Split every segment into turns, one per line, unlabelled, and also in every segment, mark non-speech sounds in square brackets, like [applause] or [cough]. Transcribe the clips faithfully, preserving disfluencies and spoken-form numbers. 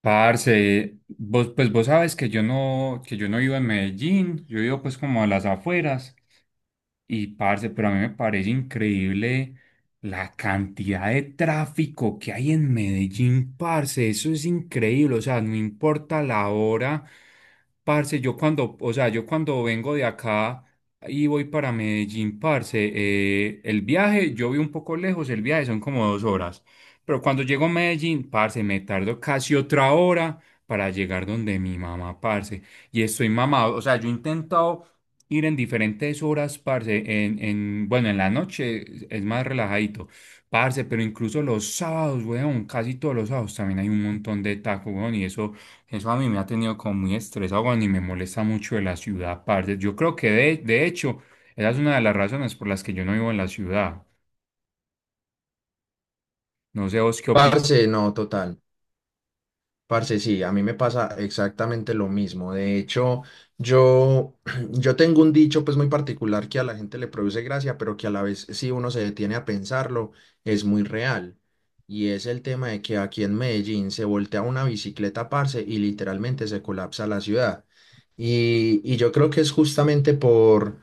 Parce, vos, pues vos sabes que yo no, que yo no vivo en Medellín, yo vivo pues como a las afueras y parce, pero a mí me parece increíble la cantidad de tráfico que hay en Medellín, parce, eso es increíble, o sea, no importa la hora. Parce, yo cuando, o sea, yo cuando vengo de acá y voy para Medellín, parce, eh, el viaje, yo vi un poco lejos, el viaje son como dos horas, pero cuando llego a Medellín, parce, me tardo casi otra hora para llegar donde mi mamá, parce, y estoy mamado, o sea, yo he intentado ir en diferentes horas, parce, en, en, bueno, en la noche es más relajadito, parce, pero incluso los sábados, weón, casi todos los sábados también hay un montón de tacos, weón, y eso. Eso a mí me ha tenido como muy estresado, weón, y me molesta mucho de la ciudad, parce. Yo creo que de, de hecho, esa es una de las razones por las que yo no vivo en la ciudad. No sé vos qué opinas.
Parce, no, total. Parce, sí, a mí me pasa exactamente lo mismo. De hecho, yo, [clears throat] yo tengo un dicho pues muy particular que a la gente le produce gracia, pero que a la vez, si uno se detiene a pensarlo, es muy real. Y es el tema de que aquí en Medellín se voltea una bicicleta, parce, y literalmente se colapsa la ciudad. Y, y yo creo que es justamente por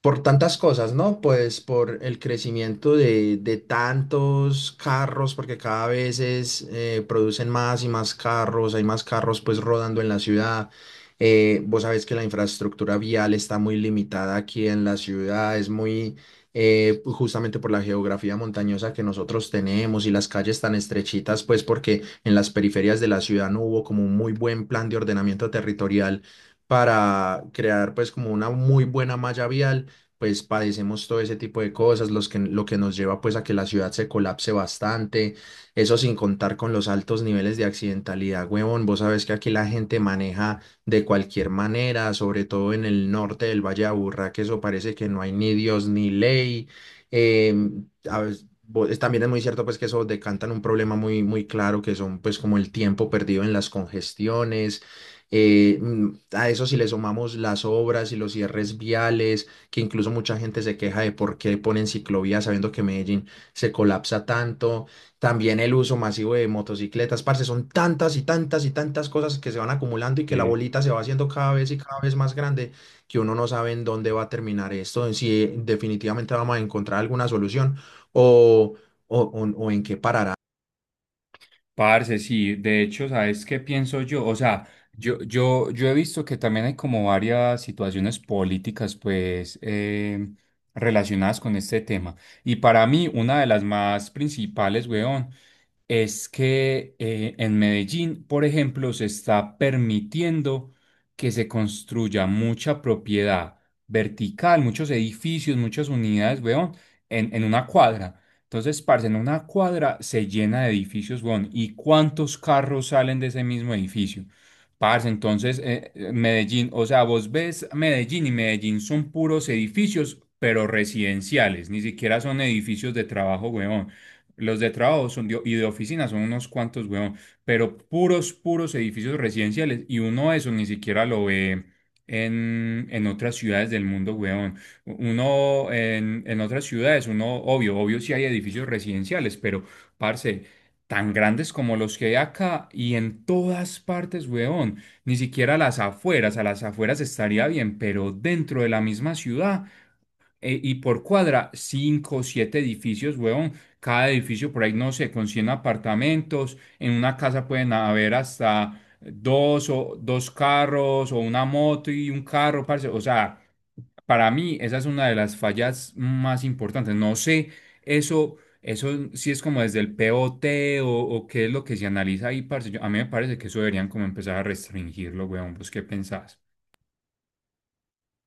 por tantas cosas, ¿no? Pues por el crecimiento de, de tantos carros, porque cada vez es, eh, producen más y más carros, hay más carros pues rodando en la ciudad. Eh, vos sabés que la infraestructura vial está muy limitada aquí en la ciudad, es muy eh, justamente por la geografía montañosa que nosotros tenemos y las calles tan estrechitas, pues porque en las periferias de la ciudad no hubo como un muy buen plan de ordenamiento territorial para crear pues como una muy buena malla vial pues padecemos todo ese tipo de cosas, los que, lo que nos lleva pues a que la ciudad se colapse bastante, eso sin contar con los altos niveles de accidentalidad, huevón, vos sabés que aquí la gente maneja de cualquier manera, sobre todo en el norte del Valle de Aburrá, que eso parece que no hay ni Dios ni ley, em, a veces- bo- es- También es muy cierto pues que eso decantan un problema muy muy claro que son pues como el tiempo perdido en las congestiones, eh, mm, a eso si le sumamos las obras y los cierres viales, que incluso mucha gente se queja de por qué ponen ciclovías sabiendo que Medellín se colapsa tanto, también el uso masivo de motocicletas, parce, son tantas y tantas y tantas cosas que se van acumulando y que la
Eh,
bolita se va haciendo cada vez y cada vez más grande, que uno no sabe en dónde va a terminar esto, en si definitivamente vamos a encontrar alguna solución o, o o- o en qué parará.
Parce, sí, de hecho, ¿sabes qué pienso yo? O sea, yo, yo, yo he visto que también hay como varias situaciones políticas, pues, eh, relacionadas con este tema. Y para mí, una de las más principales, weón, es que eh, en Medellín, por ejemplo, se está permitiendo que se construya mucha propiedad vertical, muchos edificios, muchas unidades, weón, en, en una cuadra. Entonces, parce, en una cuadra se llena de edificios, weón. ¿Y cuántos carros salen de ese mismo edificio? Parce, entonces, eh, eh, Medellín, o sea, vos ves Medellín y Medellín son puros edificios, pero residenciales, ni siquiera son edificios de trabajo, weón. Los de trabajo son de- y de oficina son unos cuantos, weón, pero puros, puros edificios residenciales y uno eso ni siquiera lo ve en, en otras ciudades del mundo, weón. Uno en, en otras ciudades, uno, obvio, obvio sí hay edificios residenciales, pero, parce, tan grandes como los que hay acá y en todas partes, weón. Ni siquiera a las afueras, a las afueras estaría bien, pero dentro de la misma ciudad eh, y por cuadra, cinco siete edificios, huevón. Cada edificio por ahí, no sé, con cien apartamentos. En una casa pueden haber hasta dos o dos carros o una moto y un carro, parce. O sea, para mí esa es una de las fallas más importantes. No sé, eso, eso sí es como desde el P O T o, T o o qué es lo que se analiza ahí, parce. Yo, a mí me parece que eso deberían como empezar a restringirlo, weón. ¿Vos qué pensás?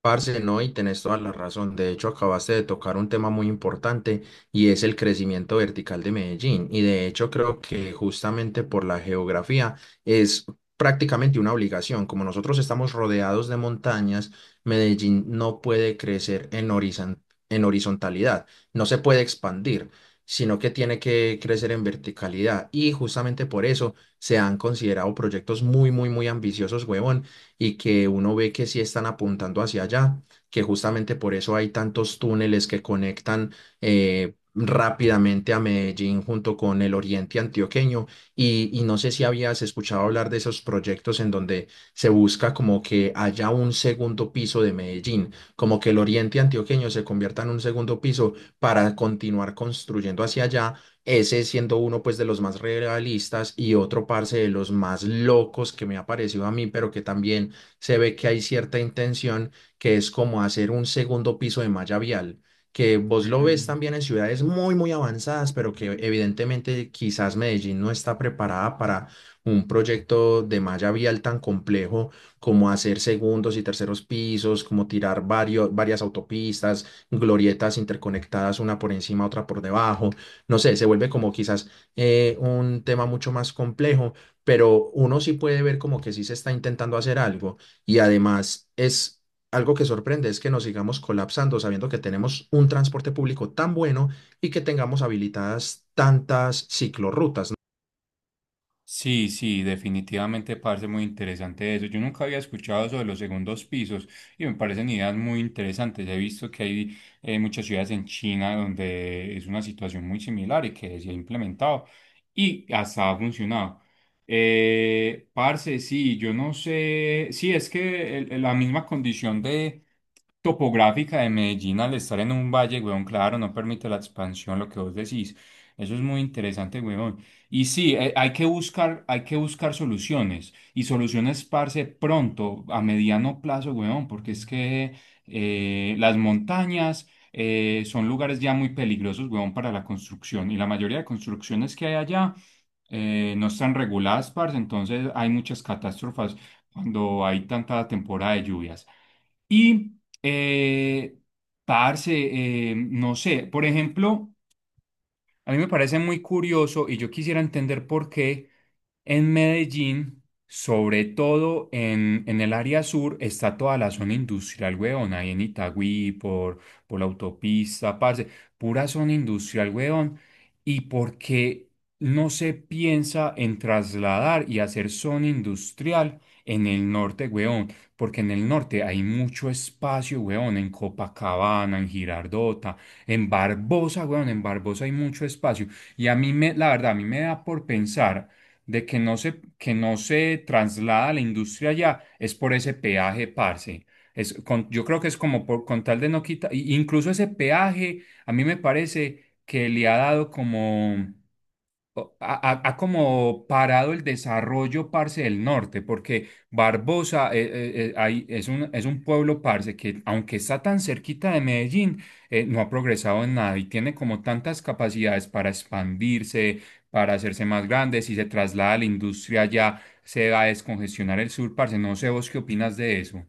Parce, no, y tenés toda la razón. De hecho, acabaste de tocar un tema muy importante y es el crecimiento vertical de Medellín. Y de hecho, creo que justamente por la geografía es prácticamente una obligación. Como nosotros estamos rodeados de montañas, Medellín no puede crecer en horizon- en horizontalidad, no se puede expandir, sino que tiene que crecer en verticalidad. Y justamente por eso se han considerado proyectos muy, muy, muy ambiciosos, huevón y que uno ve que sí están apuntando hacia allá, que justamente por eso hay tantos túneles que conectan eh, rápidamente a Medellín junto con el oriente antioqueño. Y, y no sé si habías escuchado hablar de esos proyectos en donde se busca como que haya un segundo piso de Medellín, como que el oriente antioqueño se convierta en un segundo piso para continuar construyendo hacia allá, ese siendo uno pues de los más realistas y otro parce de los más locos que me ha parecido a mí, pero que también se ve que hay cierta intención, que es como hacer un segundo piso de malla vial, que vos lo ves
Mm.
también en ciudades muy, muy avanzadas, pero que evidentemente quizás Medellín no está preparada para un proyecto de malla vial tan complejo como hacer segundos y terceros pisos, como tirar varios, varias autopistas, glorietas interconectadas una por encima, otra por debajo. No sé, se vuelve como quizás eh, un tema mucho más complejo, pero uno sí puede ver como que sí se está intentando hacer algo. Y además es algo que sorprende, es que nos sigamos colapsando sabiendo que tenemos un transporte público tan bueno y que tengamos habilitadas tantas ciclorrutas, ¿no?
Sí, sí, definitivamente parece muy interesante eso. Yo nunca había escuchado sobre los segundos pisos y me parecen ideas muy interesantes. He visto que hay eh, muchas ciudades en China donde es una situación muy similar y que se ha implementado y hasta ha funcionado. Eh, parce, sí, yo no sé, sí, es que el- el- la misma condición de topográfica de Medellín al estar en un valle, weón, claro, no permite la expansión, lo que vos decís. Eso es muy interesante, weón. Y sí, eh, hay que buscar, hay que buscar soluciones y soluciones, parce, pronto, a mediano plazo, weón, porque es que eh, las montañas eh, son lugares ya muy peligrosos, weón, para la construcción y la mayoría de construcciones que hay allá eh, no están reguladas, parce, entonces hay muchas catástrofes cuando hay tanta temporada de lluvias. Y, eh, parce, eh, no sé, por ejemplo, a mí me parece muy curioso y yo quisiera entender por qué. En Medellín, sobre todo en, en el área sur, está toda la zona industrial, weón. Ahí en Itagüí, por, por la autopista, parce. Pura zona industrial, weón. ¿Y por qué no se piensa en trasladar y hacer zona industrial en el norte, weón? Porque en el norte hay mucho espacio, weón. En Copacabana, en Girardota, en Barbosa, weón. En Barbosa hay mucho espacio. Y a mí, me, la verdad, a mí me da por pensar de que no se, que no se traslada la industria allá es por ese peaje, parce. Es con- yo creo que es como por, con tal de no quitar, y- incluso ese peaje a mí me parece que le ha dado como o- ha, ha- ha como parado el desarrollo, parce, del norte, porque Barbosa eh, eh, eh, ahí es un, es un pueblo, parce, que aunque está tan cerquita de Medellín, eh, no ha progresado en nada y tiene como tantas capacidades para expandirse, para hacerse más grande. Si se traslada a la industria ya se va a descongestionar el sur, parce. No sé vos qué opinas de eso.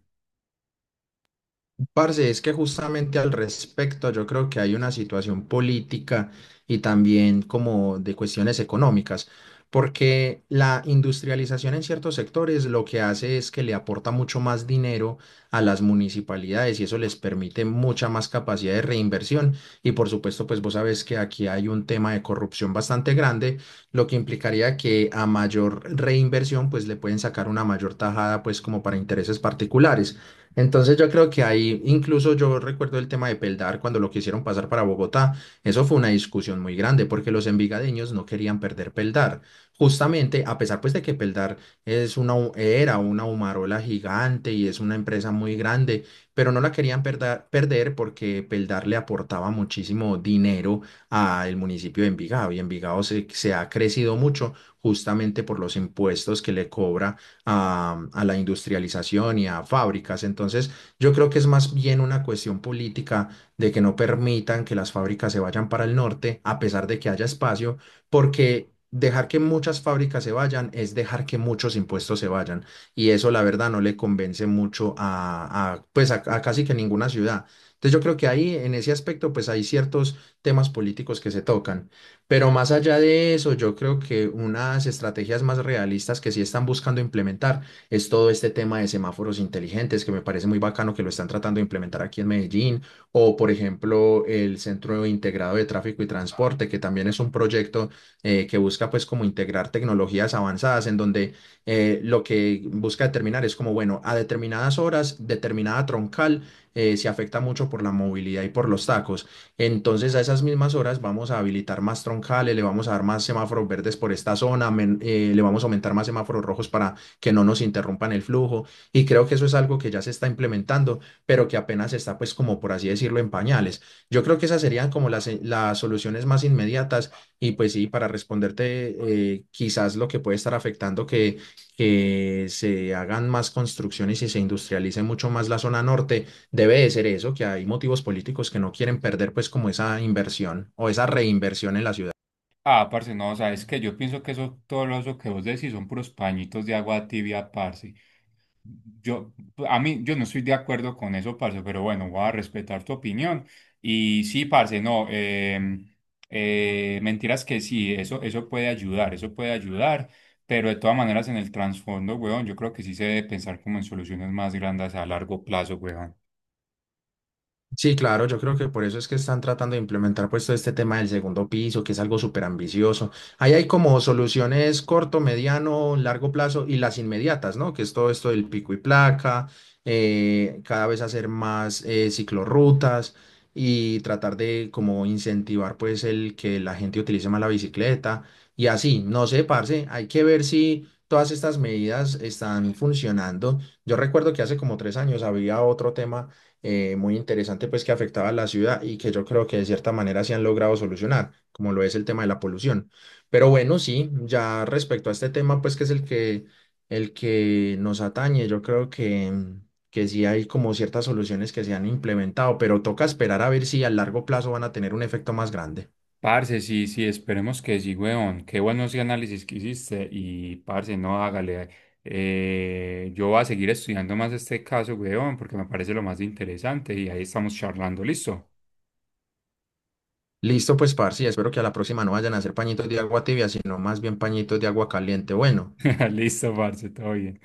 Parce, es que justamente al respecto yo creo que hay una situación política y también como de cuestiones económicas, porque la industrialización en ciertos sectores lo que hace es que le aporta mucho más dinero a las municipalidades y eso les permite mucha más capacidad de reinversión y por supuesto pues vos sabés que aquí hay un tema de corrupción bastante grande, lo que implicaría que a mayor reinversión pues le pueden sacar una mayor tajada pues como para intereses particulares. Entonces yo creo que ahí, incluso yo recuerdo el tema de Peldar cuando lo quisieron pasar para Bogotá, eso fue una discusión muy grande porque los envigadeños no querían perder Peldar. Justamente, a pesar pues de que Peldar es una, hu- era una humarola gigante y es una empresa muy grande, pero no la querían perder, perder porque Peldar le aportaba muchísimo dinero al municipio de Envigado y Envigado se, se ha crecido mucho justamente por los impuestos que le cobra a, a la industrialización y a fábricas. Entonces, yo creo que es más bien una cuestión política de que no permitan que las fábricas se vayan para el norte, a pesar de que haya espacio, porque... Dejar que muchas fábricas se vayan es dejar que muchos impuestos se vayan y eso la verdad no le convence mucho a, a, pues a a casi que ninguna ciudad. Entonces yo creo que ahí, en ese aspecto, pues hay ciertos temas políticos que se tocan. Pero más allá de eso, yo creo que unas estrategias más realistas que sí están buscando implementar es todo este tema de semáforos inteligentes, que me parece muy bacano que lo están tratando de implementar aquí en Medellín, o por ejemplo el Centro Integrado de Tráfico y Transporte, que también es un proyecto eh, que busca pues como integrar tecnologías avanzadas en donde eh, lo que busca determinar es como, bueno, a determinadas horas, determinada troncal eh, se afecta mucho por la movilidad y por los tacos. Entonces, a esas mismas horas vamos a habilitar más troncales, le vamos a dar más semáforos verdes por esta zona, men- eh, le vamos a aumentar más semáforos rojos para que no nos interrumpan el flujo. Y creo que eso es algo que ya se está implementando, pero que apenas está, pues, como por así decirlo, en pañales. Yo creo que esas serían como las, eh, las soluciones más inmediatas. Y pues sí, para responderte, eh, quizás lo que puede estar afectando que, que se hagan más construcciones y se industrialice mucho más la zona norte debe de ser eso, que hay motivos políticos que no quieren perder pues como esa inversión o esa reinversión en la ciudad.
Ah, parce, no, sabes que yo pienso que eso, todo lo eso que vos decís son puros pañitos de agua tibia, parce. Yo, a mí, yo no estoy de acuerdo con eso, parce, pero bueno, voy a respetar tu opinión. Y sí, parce, no, em, eh, mentiras que sí, eso, eso puede ayudar, eso puede ayudar, pero de todas maneras en el trasfondo, weón, yo creo que sí se debe pensar como en soluciones más grandes a largo plazo, weón.
Sí, claro, yo creo que por eso es que están tratando de implementar pues todo este tema del segundo piso, que es algo súper ambicioso. Ahí hay como soluciones corto, mediano, largo plazo y las inmediatas, ¿no? Que es todo esto del pico y placa, eh, cada vez hacer más eh, ciclorrutas y tratar de como incentivar pues el que la gente utilice más la bicicleta y así, no sé, parce, hay que ver si todas estas medidas están funcionando. Yo recuerdo que hace como tres años había otro tema eh, muy interesante pues que afectaba a la ciudad y que yo creo que de cierta manera se han logrado solucionar, como lo es el tema de la polución. Pero bueno, sí, ya respecto a este tema pues que es el que, el que nos atañe, yo creo que, que sí hay como ciertas soluciones que se han implementado, pero toca esperar a ver si a largo plazo van a tener un efecto más grande.
Parce, sí, sí, esperemos que sí, weón. Qué buenos análisis que hiciste. Y, parce, no, hágale. Eh, yo voy a seguir estudiando más este caso, weón, porque me parece lo más interesante. Y ahí estamos charlando. Listo.
Listo, pues, parce, espero que a la próxima no vayan a hacer pañitos de agua tibia, sino más bien pañitos de agua caliente. Bueno.
[laughs] Listo, parce, todo bien.